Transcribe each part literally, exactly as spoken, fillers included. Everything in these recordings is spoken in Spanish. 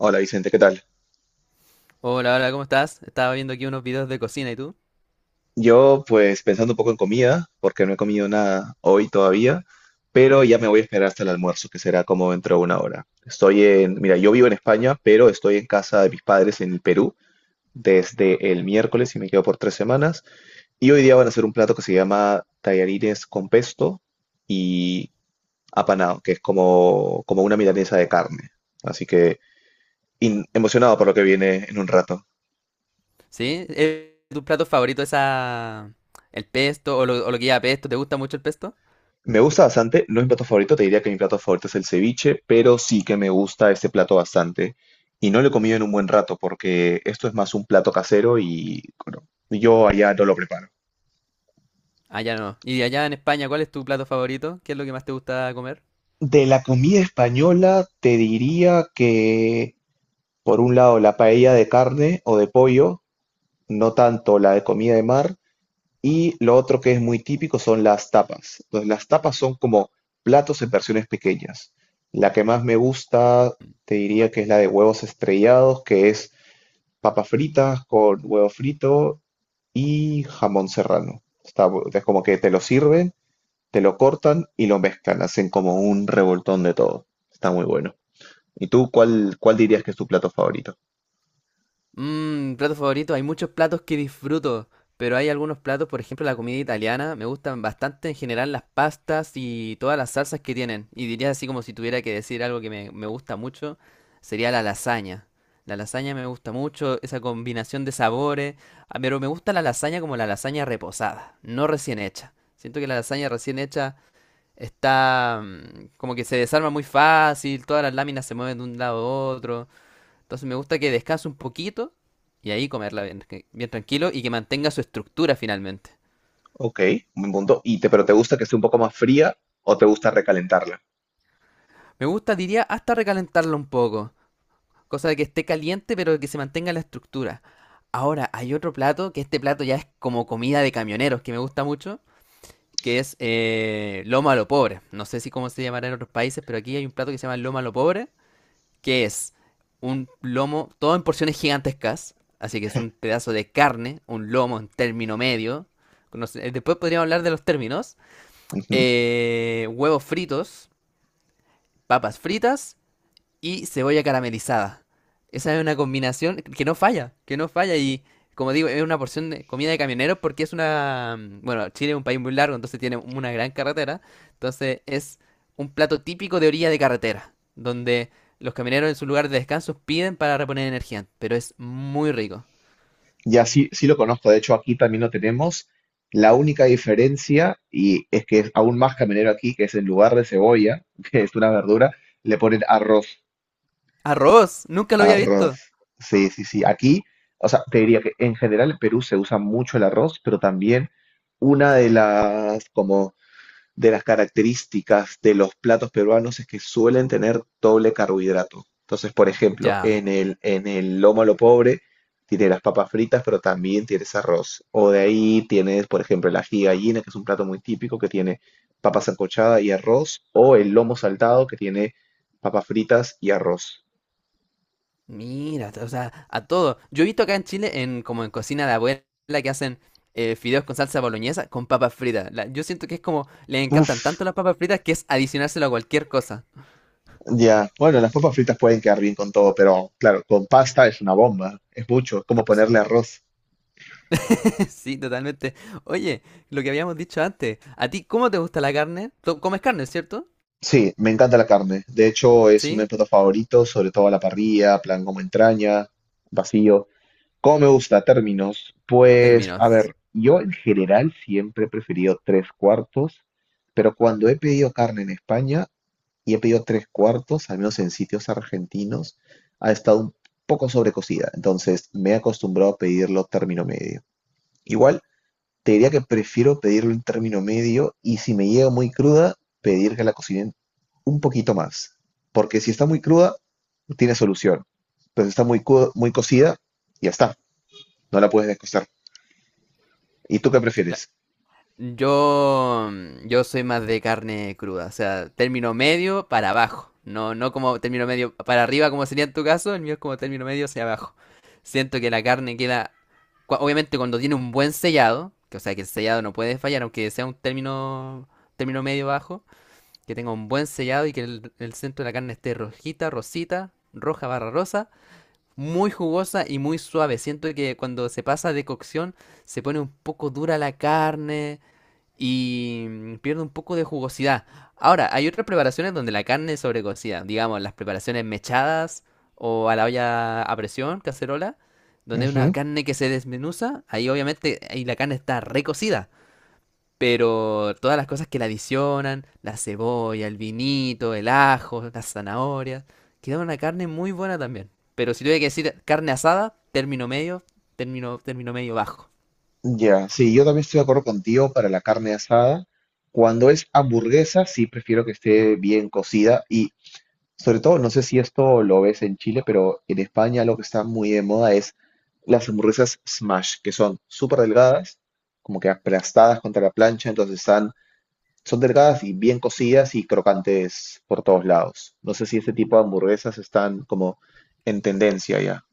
Hola Vicente, ¿qué tal? Hola, hola, ¿cómo estás? Estaba viendo aquí unos videos de cocina, ¿y tú? Yo pues pensando un poco en comida, porque no he comido nada hoy todavía, pero ya me voy a esperar hasta el almuerzo, que será como dentro de una hora. Estoy en, mira, yo vivo en España, pero estoy en casa de mis padres en Perú desde el miércoles y me quedo por tres semanas. Y hoy día van a hacer un plato que se llama tallarines con pesto y apanado, que es como, como una milanesa de carne. Así que in- emocionado por lo que viene en un rato. ¿Sí? ¿Es tu plato favorito esa... el pesto o lo, o lo que lleva pesto? ¿Te gusta mucho el pesto? Me gusta bastante, no es mi plato favorito, te diría que mi plato favorito es el ceviche, pero sí que me gusta este plato bastante. Y no lo he comido en un buen rato porque esto es más un plato casero y bueno, yo allá no lo preparo. Allá no. Y allá en España, ¿cuál es tu plato favorito? ¿Qué es lo que más te gusta comer? De la comida española te diría que por un lado la paella de carne o de pollo, no tanto la de comida de mar, y lo otro que es muy típico son las tapas. Entonces, las tapas son como platos en versiones pequeñas. La que más me gusta, te diría que es la de huevos estrellados, que es papas fritas con huevo frito y jamón serrano. Está, bu- es como que te lo sirven, te lo cortan y lo mezclan, hacen como un revoltón de todo. Está muy bueno. ¿Y tú cuál, cuál dirías que es tu plato favorito? Mmm, plato favorito. Hay muchos platos que disfruto, pero hay algunos platos, por ejemplo, la comida italiana, me gustan bastante en general las pastas y todas las salsas que tienen. Y diría así como si tuviera que decir algo que me, me gusta mucho, sería la lasaña. La lasaña me gusta mucho, esa combinación de sabores, ah, pero me gusta la lasaña como la lasaña reposada, no recién hecha. Siento que la lasaña recién hecha está mm, como que se desarma muy fácil, todas las láminas se mueven de un lado a otro. Entonces me gusta que descanse un poquito y ahí comerla bien, bien tranquilo y que mantenga su estructura finalmente. Ok, un buen punto. ¿Y te, pero te gusta que esté un poco más fría o te gusta recalentarla? Me gusta, diría, hasta recalentarla un poco. Cosa de que esté caliente pero que se mantenga la estructura. Ahora, hay otro plato, que este plato ya es como comida de camioneros, que me gusta mucho, que es eh, lomo a lo pobre. No sé si cómo se llamará en otros países, pero aquí hay un plato que se llama lomo a lo pobre, que es un lomo, todo en porciones gigantescas, así que es un pedazo de carne, un lomo en término medio. No. Después podríamos hablar de los términos. Eh, huevos fritos, papas fritas y cebolla caramelizada. Esa es una combinación que no falla, que no falla y como digo, es una porción de comida de camioneros porque es una... mm, bueno, Chile es un país muy largo, entonces tiene una gran carretera. Entonces es un plato típico de orilla de carretera, donde los camioneros en su lugar de descanso piden para reponer energía, pero es muy rico. Ya, sí, sí lo conozco, de hecho aquí también lo tenemos. La única diferencia, y es que es aún más caminero aquí, que es en lugar de cebolla, que es una verdura, le ponen arroz. Arroz, nunca lo había Arroz. visto. Sí, sí, sí. Aquí, o sea, te diría que en general en Perú se usa mucho el arroz, pero también una de las como de las características de los platos peruanos es que suelen tener doble carbohidrato. Entonces, por ejemplo, Ya. en el, en el lomo a lo pobre tiene las papas fritas, pero también tienes arroz. O de ahí tienes, por ejemplo, el ají de gallina, que es un plato muy típico que tiene papa sancochada y arroz, o el lomo saltado que tiene papas fritas y arroz. Mira, o sea, a todo. Yo he visto acá en Chile, en como en cocina de abuela, que hacen eh, fideos con salsa boloñesa con papas fritas. La- yo siento que es como, les encantan Uf, tanto las papas fritas que es adicionárselo a cualquier cosa. ya. Bueno, las papas fritas pueden quedar bien con todo, pero claro, con pasta es una bomba, es mucho, es como S- ponerle arroz. Sí, totalmente. Oye, lo que habíamos dicho antes, ¿a ti cómo te gusta la carne? Tú comes carne, ¿cierto? Sí, me encanta la carne. De hecho, es uno de mis Sí, platos favoritos, sobre todo a la parrilla, plan como entraña, vacío. ¿Cómo me gusta? Términos. Pues, a términos. ver, yo en general siempre he preferido tres cuartos, pero cuando he pedido carne en España y he pedido tres cuartos, al menos en sitios argentinos, ha estado un poco sobrecocida. Entonces, me he acostumbrado a pedirlo término medio. Igual te diría que prefiero pedirlo en término medio y si me llega muy cruda, pedir que la cocinen un poquito más. Porque si está muy cruda, tiene solución. Pero si está muy, cu- muy cocida, ya está, no la puedes descostar. ¿Y tú qué prefieres? Yo, mm, yo soy más de carne cruda, o sea, término medio para abajo, no, no como término medio para arriba como sería en tu caso, el mío es como término medio hacia abajo. Siento que la carne queda, cua- obviamente cuando tiene un buen sellado, que o sea que el sellado no puede fallar, aunque sea un término, término medio bajo, que tenga un buen sellado y que el, el centro de la carne esté rojita, rosita, roja barra rosa, muy jugosa y muy suave. Siento que cuando se pasa de cocción se pone un poco dura la carne y mm, pierde un poco de jugosidad. Ahora, hay otras preparaciones donde la carne es sobrecocida, digamos, las preparaciones mechadas o a la olla a presión, cacerola, donde hay una Ujú. carne que se desmenuza, ahí obviamente ahí la carne está recocida, pero todas las cosas que la adicionan, la cebolla, el vinito, el ajo, las zanahorias, queda una carne muy buena también. Pero si tuviera que decir carne asada, término medio, término, término medio bajo. Ya, sí, yo también estoy de acuerdo contigo para la carne asada. Cuando es hamburguesa, sí prefiero que esté bien cocida. Y sobre todo, no sé si esto lo ves en Chile, pero en España lo que está muy de moda es las hamburguesas smash, que son súper delgadas, como que aplastadas contra la plancha, entonces están, son delgadas y bien cocidas y crocantes por todos lados. No sé si este tipo de hamburguesas están como en tendencia ya.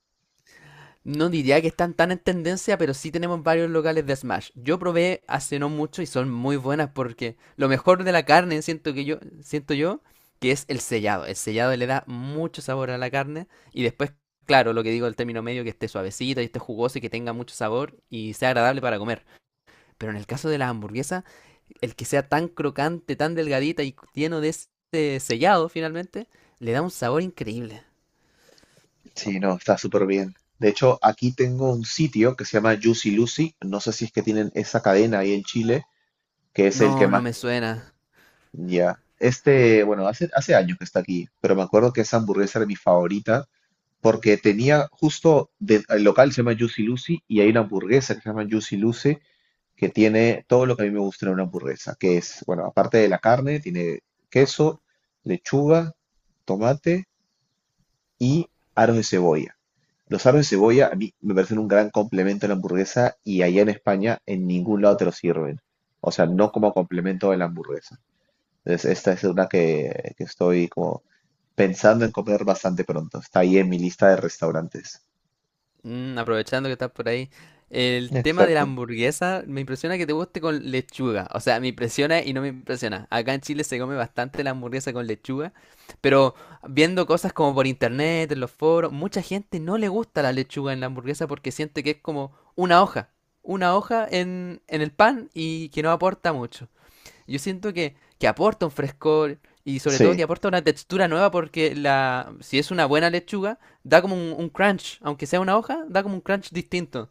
No diría que están tan en tendencia, pero sí tenemos varios locales de Smash. Yo probé hace no mucho y son muy buenas porque lo mejor de la carne, siento que yo, siento yo, que es el sellado. El sellado le da mucho sabor a la carne y después, claro, lo que digo el término medio, que esté suavecita y esté jugosa y que tenga mucho sabor y sea agradable para comer. Pero en el caso de las hamburguesas el que sea tan crocante, tan delgadita y lleno de ese sellado finalmente, le da un sabor increíble. Sí, no, está súper bien. De hecho, aquí tengo un sitio que se llama Juicy Lucy. No sé si es que tienen esa cadena ahí en Chile, que es el que No, no más. me suena. Ya. Este, bueno, hace, hace años que está aquí, pero me acuerdo que esa hamburguesa era mi favorita porque tenía justo de- el local se llama Juicy Lucy y hay una hamburguesa que se llama Juicy Lucy que tiene todo lo que a mí me gusta en una hamburguesa, que es, bueno, aparte de la carne, tiene queso, lechuga, tomate y aros de cebolla. Los aros de cebolla a mí me parecen un gran complemento a la hamburguesa y allá en España en ningún lado te lo sirven. O sea, no como complemento de la hamburguesa. Entonces, esta es una que, que estoy como pensando en comer bastante pronto. Está ahí en mi lista de restaurantes. Mm, aprovechando que estás por ahí, el tema de la Exacto. hamburguesa me impresiona que te guste con lechuga. O sea, me impresiona y no me impresiona. Acá en Chile se come bastante la hamburguesa con lechuga, pero viendo cosas como por internet, en los foros, mucha gente no le gusta la lechuga en la hamburguesa porque siente que es como una hoja, una hoja en, en el pan y que no aporta mucho. Yo siento que, que aporta un frescor y sobre todo Sí, que aporta una textura nueva porque la, si es una buena lechuga, da como un, un crunch, aunque sea una hoja, da como un crunch distinto.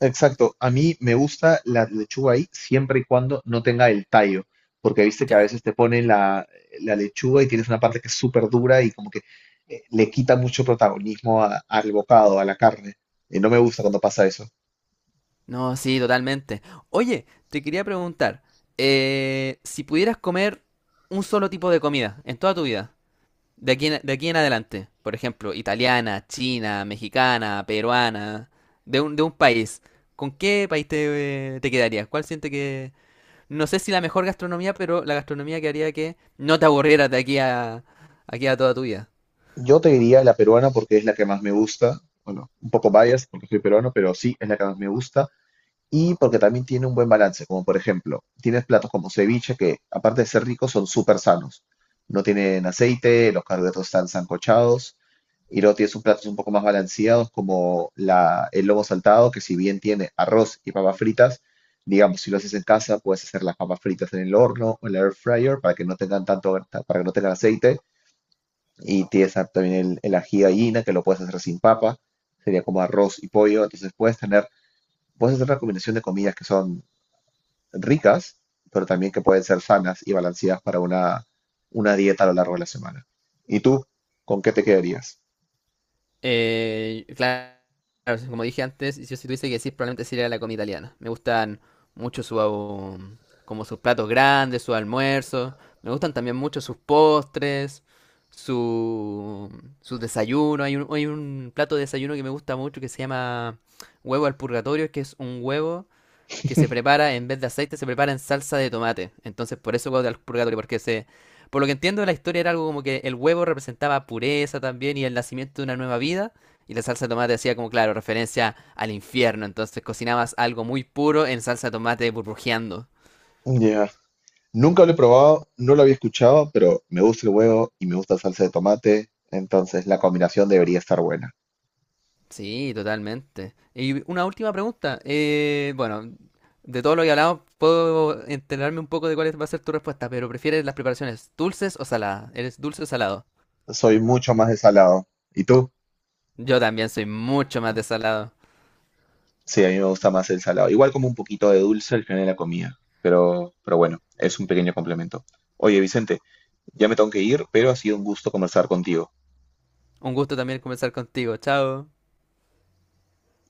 exacto. A mí me gusta la lechuga ahí siempre y cuando no tenga el tallo, porque viste que a Ya, veces te ponen la, la lechuga y tienes una parte que es súper dura y como que eh, le quita mucho protagonismo a- al bocado, a la carne. Y no me gusta cuando pasa eso. no, sí, totalmente. Oye, te quería preguntar, eh, si pudieras comer un solo tipo de comida en toda tu vida, de aquí en, de aquí en adelante, por ejemplo, italiana, china, mexicana, peruana, de un, de un país, ¿con qué país te, eh, te quedarías? ¿Cuál sientes no sé si la mejor gastronomía, pero la gastronomía que haría que no te aburrieras de aquí a, aquí a toda tu vida. Yo te diría la peruana porque es la que más me gusta. Bueno, un poco biased porque soy peruano, pero sí, es la que más me gusta. Y porque también tiene un buen balance, como por ejemplo, tienes platos como ceviche que, aparte de ser ricos, son súper sanos. No tienen aceite, los carbohidratos están sancochados, y luego tienes un platos un poco más balanceados como la, el lomo saltado, que si bien tiene arroz y papas fritas, digamos, si lo haces en casa, puedes hacer las papas fritas en el horno o en la air fryer para que no tengan tanto, para que no tengan aceite. Y tienes a- también el, el ají de gallina, que lo puedes hacer sin papa, sería como arroz y pollo. Entonces puedes tener, puedes hacer una combinación de comidas que son ricas, pero también que pueden ser sanas y balanceadas para una, una dieta a lo largo de la semana. ¿Y tú, con qué te quedarías? Eh, claro, como dije antes, yo si tuviese que decir, probablemente sería la comida italiana. Me gustan mucho su, um, como sus platos grandes, sus almuerzos. Me gustan también mucho sus postres, su, sus desayunos. Hay un, hay un plato de desayuno que me gusta mucho que se llama huevo al purgatorio, que es un huevo que se prepara en vez de aceite, se prepara en salsa de tomate. Entonces, por eso huevo del purgatorio, porque se. Por lo que entiendo, la historia era algo como que el huevo representaba pureza también y el nacimiento de una nueva vida. Y la salsa de tomate hacía como, claro, referencia al infierno. Entonces cocinabas algo muy puro en salsa de tomate burbujeando. Ya. Nunca lo he probado, no lo había escuchado, pero me gusta el huevo y me gusta la salsa de tomate, entonces la combinación debería estar buena. Sí, totalmente. Y una última pregunta. Eh, bueno, de todo lo que hablamos, puedo enterarme un poco de cuál va a ser tu respuesta, pero ¿prefieres las preparaciones dulces o saladas? ¿Eres dulce o salado? Soy mucho más de salado. ¿Y tú? Yo también soy mucho más de salado. Sí, a mí me gusta más el salado. Igual como un poquito de dulce al final de la comida, pero, pero bueno, es un pequeño complemento. Oye, Vicente, ya me tengo que ir, pero ha sido un gusto conversar contigo. Un gusto también conversar contigo. Chao.